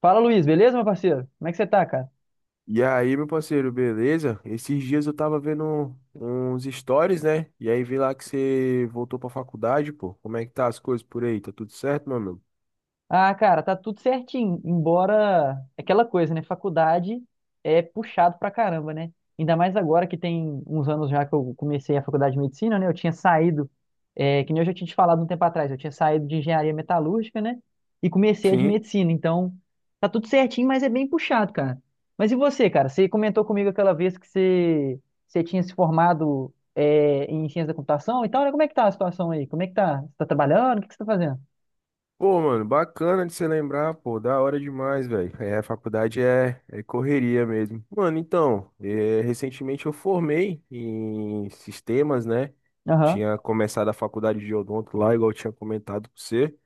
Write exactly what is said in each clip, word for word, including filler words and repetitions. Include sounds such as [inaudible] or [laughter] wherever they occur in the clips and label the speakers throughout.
Speaker 1: Fala, Luiz, beleza, meu parceiro? Como é que você tá, cara?
Speaker 2: E aí, meu parceiro, beleza? Esses dias eu tava vendo uns stories, né? E aí vi lá que você voltou pra faculdade, pô. Como é que tá as coisas por aí? Tá tudo certo, meu amigo?
Speaker 1: Ah, cara, tá tudo certinho, embora é aquela coisa, né? Faculdade é puxado pra caramba, né? Ainda mais agora que tem uns anos já que eu comecei a faculdade de medicina, né? Eu tinha saído, é, que nem eu já tinha te falado um tempo atrás, eu tinha saído de engenharia metalúrgica, né? E comecei a de
Speaker 2: Sim.
Speaker 1: medicina, então tá tudo certinho, mas é bem puxado, cara. Mas e você, cara? Você comentou comigo aquela vez que você, você tinha se formado, é, em ciência da computação e tal, né? Como é que tá a situação aí? Como é que tá? Você tá trabalhando? O que que você tá fazendo?
Speaker 2: Pô, mano, bacana de você lembrar, pô. Da hora demais, velho. É, a faculdade é, é correria mesmo. Mano, então, é, recentemente eu formei em sistemas, né?
Speaker 1: Aham,
Speaker 2: Tinha começado a faculdade de odonto lá, igual eu tinha comentado com você.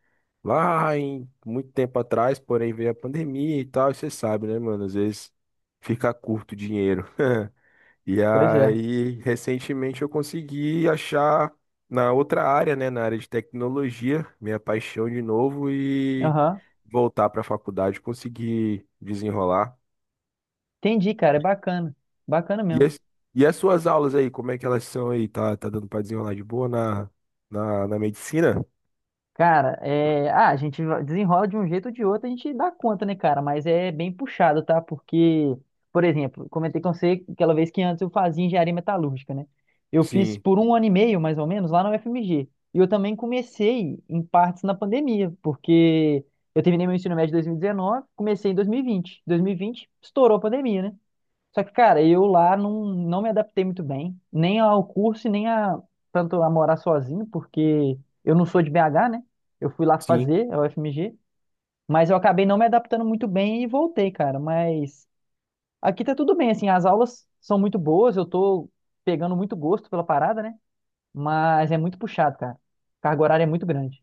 Speaker 2: lá em muito tempo atrás, porém veio a pandemia e tal, e você sabe, né, mano? Às vezes fica curto o dinheiro. [laughs] E
Speaker 1: pois é.
Speaker 2: aí, recentemente eu consegui achar na outra área, né, na área de tecnologia, minha paixão de novo e
Speaker 1: Aham.
Speaker 2: voltar para a faculdade, conseguir desenrolar.
Speaker 1: Entendi, cara. É bacana. Bacana
Speaker 2: E
Speaker 1: mesmo.
Speaker 2: as, e as suas aulas aí, como é que elas são aí? Tá, tá dando para desenrolar de boa na, na, na medicina?
Speaker 1: Cara, é... ah, a gente va- desenrola de um jeito ou de outro, a gente dá conta, né, cara? Mas é bem puxado, tá? Porque, por exemplo, comentei com você aquela vez que antes eu fazia engenharia metalúrgica, né? Eu fiz
Speaker 2: Sim,
Speaker 1: por um ano e meio, mais ou menos, lá na U F M G. E eu também comecei em partes na pandemia, porque eu terminei meu ensino médio em dois mil e dezenove, comecei em dois mil e vinte. dois mil e vinte estourou a pandemia, né? Só que, cara, eu lá não, não me adaptei muito bem, nem ao curso e nem a, tanto a morar sozinho, porque eu não sou de B H, né? Eu fui lá
Speaker 2: sim.
Speaker 1: fazer a U F M G, mas eu acabei não me adaptando muito bem e voltei, cara. Mas aqui tá tudo bem, assim, as aulas são muito boas, eu tô pegando muito gosto pela parada, né? Mas é muito puxado, cara. Carga horária é muito grande.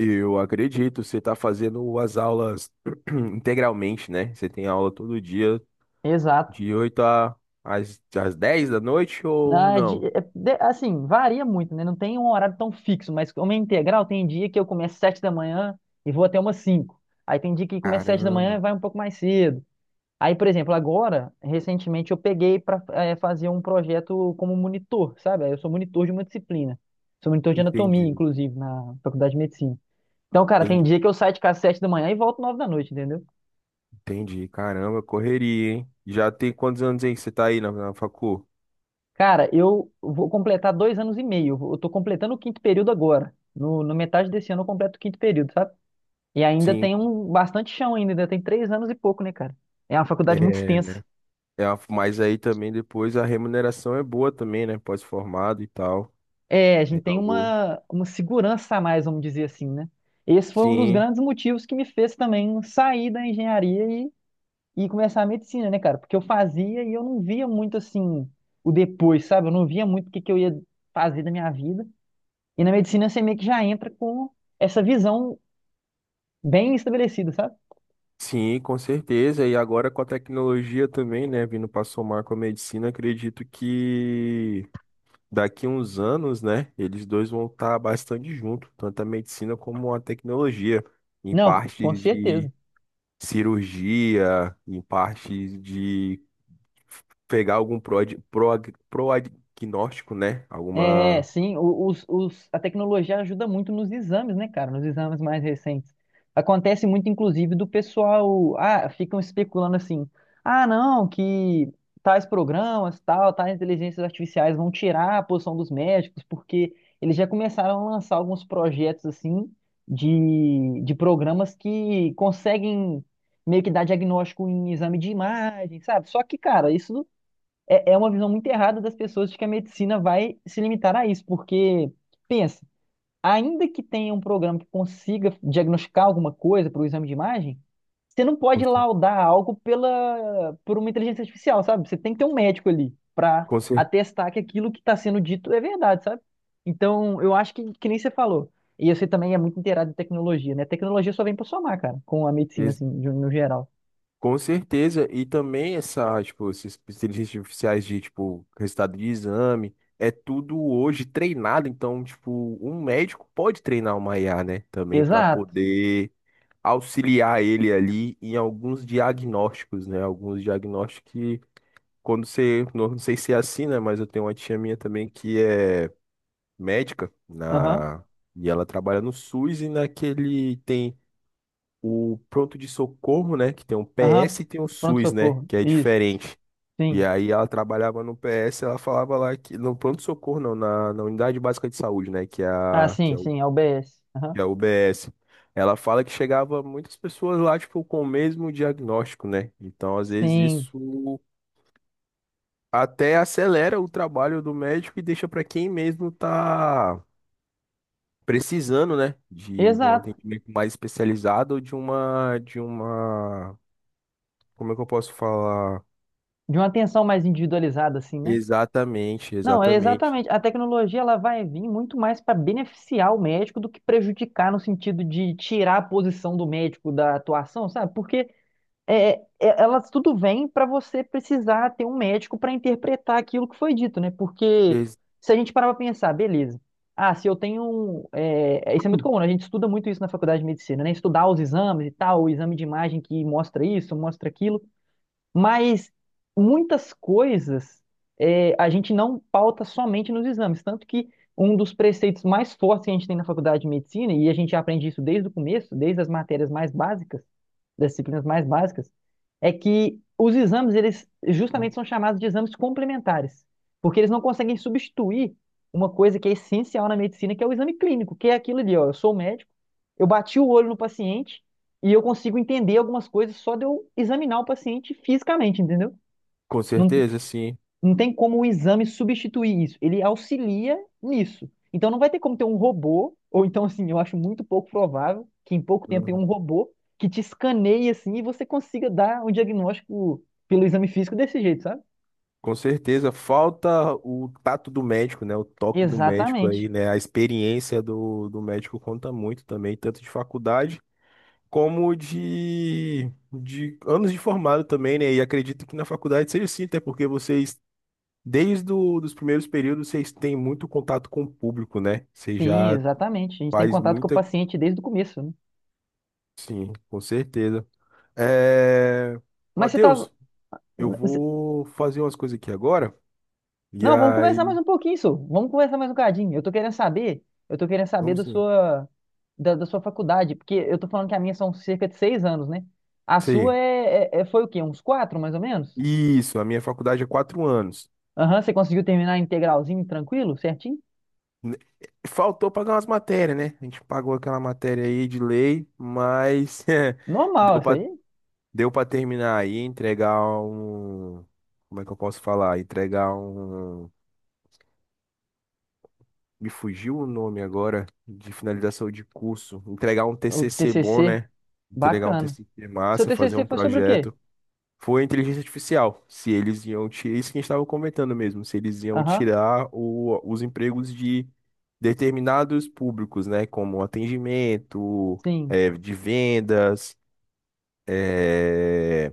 Speaker 2: Eu acredito, você está fazendo as aulas [clears throat] integralmente, né? Você tem aula todo dia,
Speaker 1: Exato.
Speaker 2: de oito a, às, às dez da noite ou
Speaker 1: Na, de-
Speaker 2: não?
Speaker 1: é- de- Assim, varia muito, né? Não tem um horário tão fixo, mas como é integral, tem dia que eu começo sete da manhã e vou até umas cinco. Aí tem dia que começa sete da manhã
Speaker 2: Caramba,
Speaker 1: e vai um pouco mais cedo. Aí, por exemplo, agora, recentemente eu peguei para fazer um projeto como monitor, sabe? Aí eu sou monitor de uma disciplina. Sou monitor de anatomia,
Speaker 2: entendi,
Speaker 1: inclusive, na faculdade de medicina. Então, cara, tem
Speaker 2: entendi,
Speaker 1: dia que eu saio de casa sete da manhã e volto nove da noite, entendeu?
Speaker 2: entendi. Caramba, correria, hein? Já tem quantos anos aí que você tá aí na, na facu?
Speaker 1: Cara, eu vou completar dois anos e meio. Eu tô completando o quinto período agora. No, no metade desse ano eu completo o quinto período, sabe? E ainda tem
Speaker 2: Cinco.
Speaker 1: um bastante chão ainda, ainda tem três anos e pouco, né, cara? É uma faculdade muito
Speaker 2: É,
Speaker 1: extensa.
Speaker 2: é, a- mas aí também depois a remuneração é boa também, né? Pós-formado e tal.
Speaker 1: É, a
Speaker 2: É
Speaker 1: gente tem
Speaker 2: algo.
Speaker 1: uma, uma segurança a mais, vamos dizer assim, né? Esse foi um dos
Speaker 2: Sim,
Speaker 1: grandes motivos que me fez também sair da engenharia e, e começar a medicina, né, cara? Porque eu fazia e eu não via muito assim o depois, sabe? Eu não via muito o que que eu ia fazer da minha vida. E na medicina você meio que já entra com essa visão bem estabelecido, sabe?
Speaker 2: sim, com certeza. E agora com a tecnologia também, né, vindo para somar com a medicina, acredito que daqui uns anos, né, eles dois vão estar bastante juntos, tanto a medicina como a tecnologia, em
Speaker 1: Não, com
Speaker 2: partes de
Speaker 1: certeza.
Speaker 2: cirurgia, em partes de pegar algum prog, prog, proagnóstico, né,
Speaker 1: É,
Speaker 2: alguma.
Speaker 1: sim, o- os, os, a tecnologia ajuda muito nos exames, né, cara? Nos exames mais recentes. Acontece muito, inclusive, do pessoal. Ah, ficam especulando assim. Ah, não, que tais programas, tal, tais inteligências artificiais vão tirar a posição dos médicos, porque eles já começaram a lançar alguns projetos, assim, de, de programas que conseguem meio que dar diagnóstico em exame de imagem, sabe? Só que, cara, isso. é, é uma visão muito errada das pessoas de que a medicina vai se limitar a isso, porque, pensa, ainda que tenha um programa que consiga diagnosticar alguma coisa para o exame de imagem, você não pode laudar algo pela, por uma inteligência artificial, sabe? Você tem que ter um médico ali para
Speaker 2: com cer-
Speaker 1: atestar que aquilo que está sendo dito é verdade, sabe? Então, eu acho que, que nem você falou. E você também é muito inteirado em tecnologia, né? Tecnologia só vem para somar, cara, com a medicina, assim, de- um, no geral.
Speaker 2: Com certeza, e também essa, tipo, essas inteligências artificiais de, tipo, resultado de exame, é tudo hoje treinado, então, tipo, um médico pode treinar uma I A, né, também para
Speaker 1: Exato.
Speaker 2: poder auxiliar ele ali em alguns diagnósticos, né, alguns diagnósticos que, quando você, não sei se é assim, né, mas eu tenho uma tia minha também que é médica
Speaker 1: Aham,
Speaker 2: na... E ela trabalha no SUS e naquele tem o pronto de socorro, né? Que tem um
Speaker 1: aham.
Speaker 2: P S e tem o SUS, né?
Speaker 1: Pronto-socorro.
Speaker 2: Que é
Speaker 1: Isso.
Speaker 2: diferente. E
Speaker 1: Sim.
Speaker 2: aí ela trabalhava no P S, ela falava lá que. No pronto de socorro, não, na, na unidade básica de saúde, né? Que é
Speaker 1: Ah,
Speaker 2: a, que
Speaker 1: sim,
Speaker 2: é o,
Speaker 1: sim, é o B S. Aham.
Speaker 2: que é a U B S. Ela fala que chegava muitas pessoas lá, tipo, com o mesmo diagnóstico, né? Então, às vezes,
Speaker 1: Sim,
Speaker 2: isso até acelera o trabalho do médico e deixa para quem mesmo tá precisando, né? De, de um
Speaker 1: exato.
Speaker 2: atendimento mais especializado ou de uma, de uma como é que eu posso falar?
Speaker 1: De uma atenção mais individualizada, assim, né?
Speaker 2: Exatamente,
Speaker 1: Não, é
Speaker 2: exatamente.
Speaker 1: exatamente. A tecnologia ela vai vir muito mais para beneficiar o médico do que prejudicar no sentido de tirar a posição do médico da atuação, sabe? Porque é, é- elas tudo vem para você precisar ter um médico para interpretar aquilo que foi dito, né? Porque
Speaker 2: Ex-
Speaker 1: se a gente parar para pensar, beleza. Ah, se eu tenho. Um, é, isso é muito comum, né? A gente estuda muito isso na faculdade de medicina, né? Estudar os exames e tal, o exame de imagem que mostra isso, mostra aquilo. Mas muitas coisas é, a gente não pauta somente nos exames. Tanto que um dos preceitos mais fortes que a gente tem na faculdade de medicina, e a gente aprende isso desde o começo, desde as matérias mais básicas das disciplinas mais básicas, é que os exames, eles justamente são chamados de exames complementares, porque eles não conseguem substituir uma coisa que é essencial na medicina, que é o exame clínico, que é aquilo ali, ó, eu sou médico, eu bati o olho no paciente e eu consigo entender algumas coisas só de eu examinar o paciente fisicamente, entendeu?
Speaker 2: Com
Speaker 1: Não,
Speaker 2: certeza, sim.
Speaker 1: não tem como o exame substituir isso. Ele auxilia nisso. Então não vai ter como ter um robô, ou então assim, eu acho muito pouco provável que em pouco tempo tenha um
Speaker 2: Uhum.
Speaker 1: robô que te escaneie assim e você consiga dar um diagnóstico pelo exame físico desse jeito, sabe?
Speaker 2: Com certeza. Falta o tato do médico, né? O toque do médico
Speaker 1: Exatamente.
Speaker 2: aí, né? A experiência do, do médico conta muito também, tanto de faculdade como de, de anos de formado também, né? E acredito que na faculdade seja assim, até porque vocês, desde do, dos primeiros períodos, vocês têm muito contato com o público, né? Você
Speaker 1: Sim,
Speaker 2: já
Speaker 1: exatamente. A gente tem
Speaker 2: faz
Speaker 1: contato com o
Speaker 2: muita.
Speaker 1: paciente desde o começo, né?
Speaker 2: Sim, com certeza. É...
Speaker 1: Mas você estava.
Speaker 2: Matheus. Eu vou fazer umas coisas aqui agora. E
Speaker 1: Não, vamos conversar
Speaker 2: aí,
Speaker 1: mais um pouquinho, só. Vamos conversar mais um cadinho. Eu tô querendo saber, eu tô querendo saber
Speaker 2: vamos
Speaker 1: da
Speaker 2: sim.
Speaker 1: sua, da, da sua faculdade, porque eu tô falando que a minha são cerca de seis anos, né? A sua
Speaker 2: Sim.
Speaker 1: é, é- é- foi o quê? Uns quatro, mais ou menos?
Speaker 2: Isso, a minha faculdade é quatro anos.
Speaker 1: Aham, você conseguiu terminar integralzinho, tranquilo, certinho?
Speaker 2: N- eh, Faltou pagar umas matérias, né? A gente pagou aquela matéria aí de lei, mas [laughs] eh, deu
Speaker 1: Normal, isso
Speaker 2: pra,
Speaker 1: aí.
Speaker 2: deu para terminar aí, entregar um. Como é que eu posso falar? Entregar um. Me fugiu o nome agora de finalização de curso. Entregar um
Speaker 1: O
Speaker 2: T C C bom,
Speaker 1: T C C,
Speaker 2: né? Entregar um
Speaker 1: bacana.
Speaker 2: T C C
Speaker 1: Seu
Speaker 2: massa, fazer
Speaker 1: T C C
Speaker 2: um
Speaker 1: foi sobre o quê?
Speaker 2: projeto. Foi a inteligência artificial. Se eles iam tirar. Isso que a gente estava comentando mesmo. Se eles iam
Speaker 1: Aham,
Speaker 2: tirar o- os empregos de determinados públicos, né? Como atendimento,
Speaker 1: sim.
Speaker 2: eh, de vendas. eh,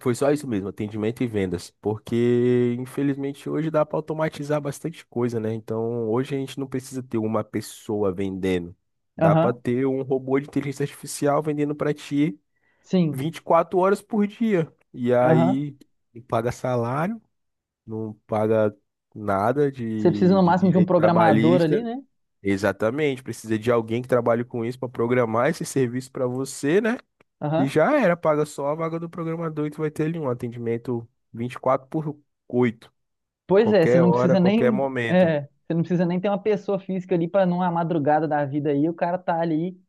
Speaker 2: Foi só isso mesmo, atendimento e vendas. Porque, infelizmente, hoje dá para automatizar bastante coisa, né? Então, hoje a gente não precisa ter uma pessoa vendendo. Dá para
Speaker 1: Aham,
Speaker 2: ter um robô de inteligência artificial vendendo para ti
Speaker 1: sim.
Speaker 2: vinte e quatro horas por dia. E
Speaker 1: Aham.
Speaker 2: aí não paga salário, não paga nada
Speaker 1: Você precisa
Speaker 2: de,
Speaker 1: no
Speaker 2: de
Speaker 1: máximo de um
Speaker 2: direito
Speaker 1: programador ali,
Speaker 2: trabalhista.
Speaker 1: né?
Speaker 2: Exatamente, precisa de alguém que trabalhe com isso para programar esse serviço para você, né? E
Speaker 1: Aham.
Speaker 2: já era, paga só a vaga do programador e tu vai ter ali um atendimento vinte e quatro por oito
Speaker 1: Pois é, você
Speaker 2: qualquer
Speaker 1: não
Speaker 2: hora,
Speaker 1: precisa
Speaker 2: qualquer
Speaker 1: nem,
Speaker 2: momento.
Speaker 1: é, você não precisa nem ter uma pessoa física ali para numa madrugada da vida aí, o cara tá ali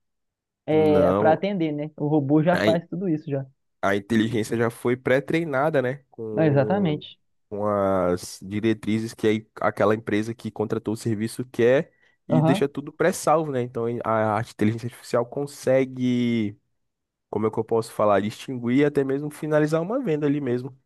Speaker 1: é, para
Speaker 2: Não,
Speaker 1: atender, né? O robô já faz tudo isso já.
Speaker 2: a inteligência já foi pré-treinada, né?
Speaker 1: Ah,
Speaker 2: Com,
Speaker 1: exatamente.
Speaker 2: com as diretrizes que aí aquela empresa que contratou o serviço quer e deixa
Speaker 1: Aham.
Speaker 2: tudo pré-salvo, né? Então a, a inteligência artificial consegue, como é que eu posso falar, distinguir e até mesmo finalizar uma venda ali mesmo.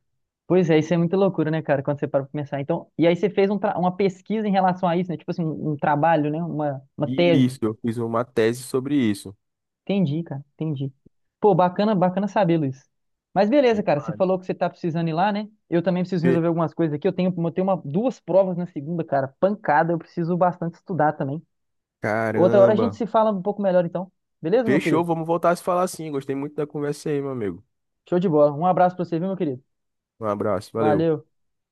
Speaker 1: Pois é, isso é muita loucura, né, cara, quando você para pra pensar. Então, e aí você fez um tra- uma pesquisa em relação a isso, né? Tipo assim, um um trabalho, né? Uma, uma
Speaker 2: Isso,
Speaker 1: tese.
Speaker 2: eu fiz uma tese sobre isso.
Speaker 1: Entendi, cara, entendi. Pô, bacana, bacana saber, Luiz. Mas beleza, cara, você
Speaker 2: Demais.
Speaker 1: falou que você tá precisando ir lá, né? Eu também preciso
Speaker 2: Fe-
Speaker 1: resolver algumas coisas aqui. Eu tenho, eu tenho uma, duas provas na segunda, cara, pancada. Eu preciso bastante estudar também. Outra hora a
Speaker 2: Caramba.
Speaker 1: gente se fala um pouco melhor, então. Beleza, meu
Speaker 2: Fechou,
Speaker 1: querido?
Speaker 2: vamos voltar a se falar assim. Gostei muito da conversa aí, meu amigo.
Speaker 1: Show de bola. Um abraço pra você, viu, meu querido?
Speaker 2: Um abraço, valeu.
Speaker 1: Valeu.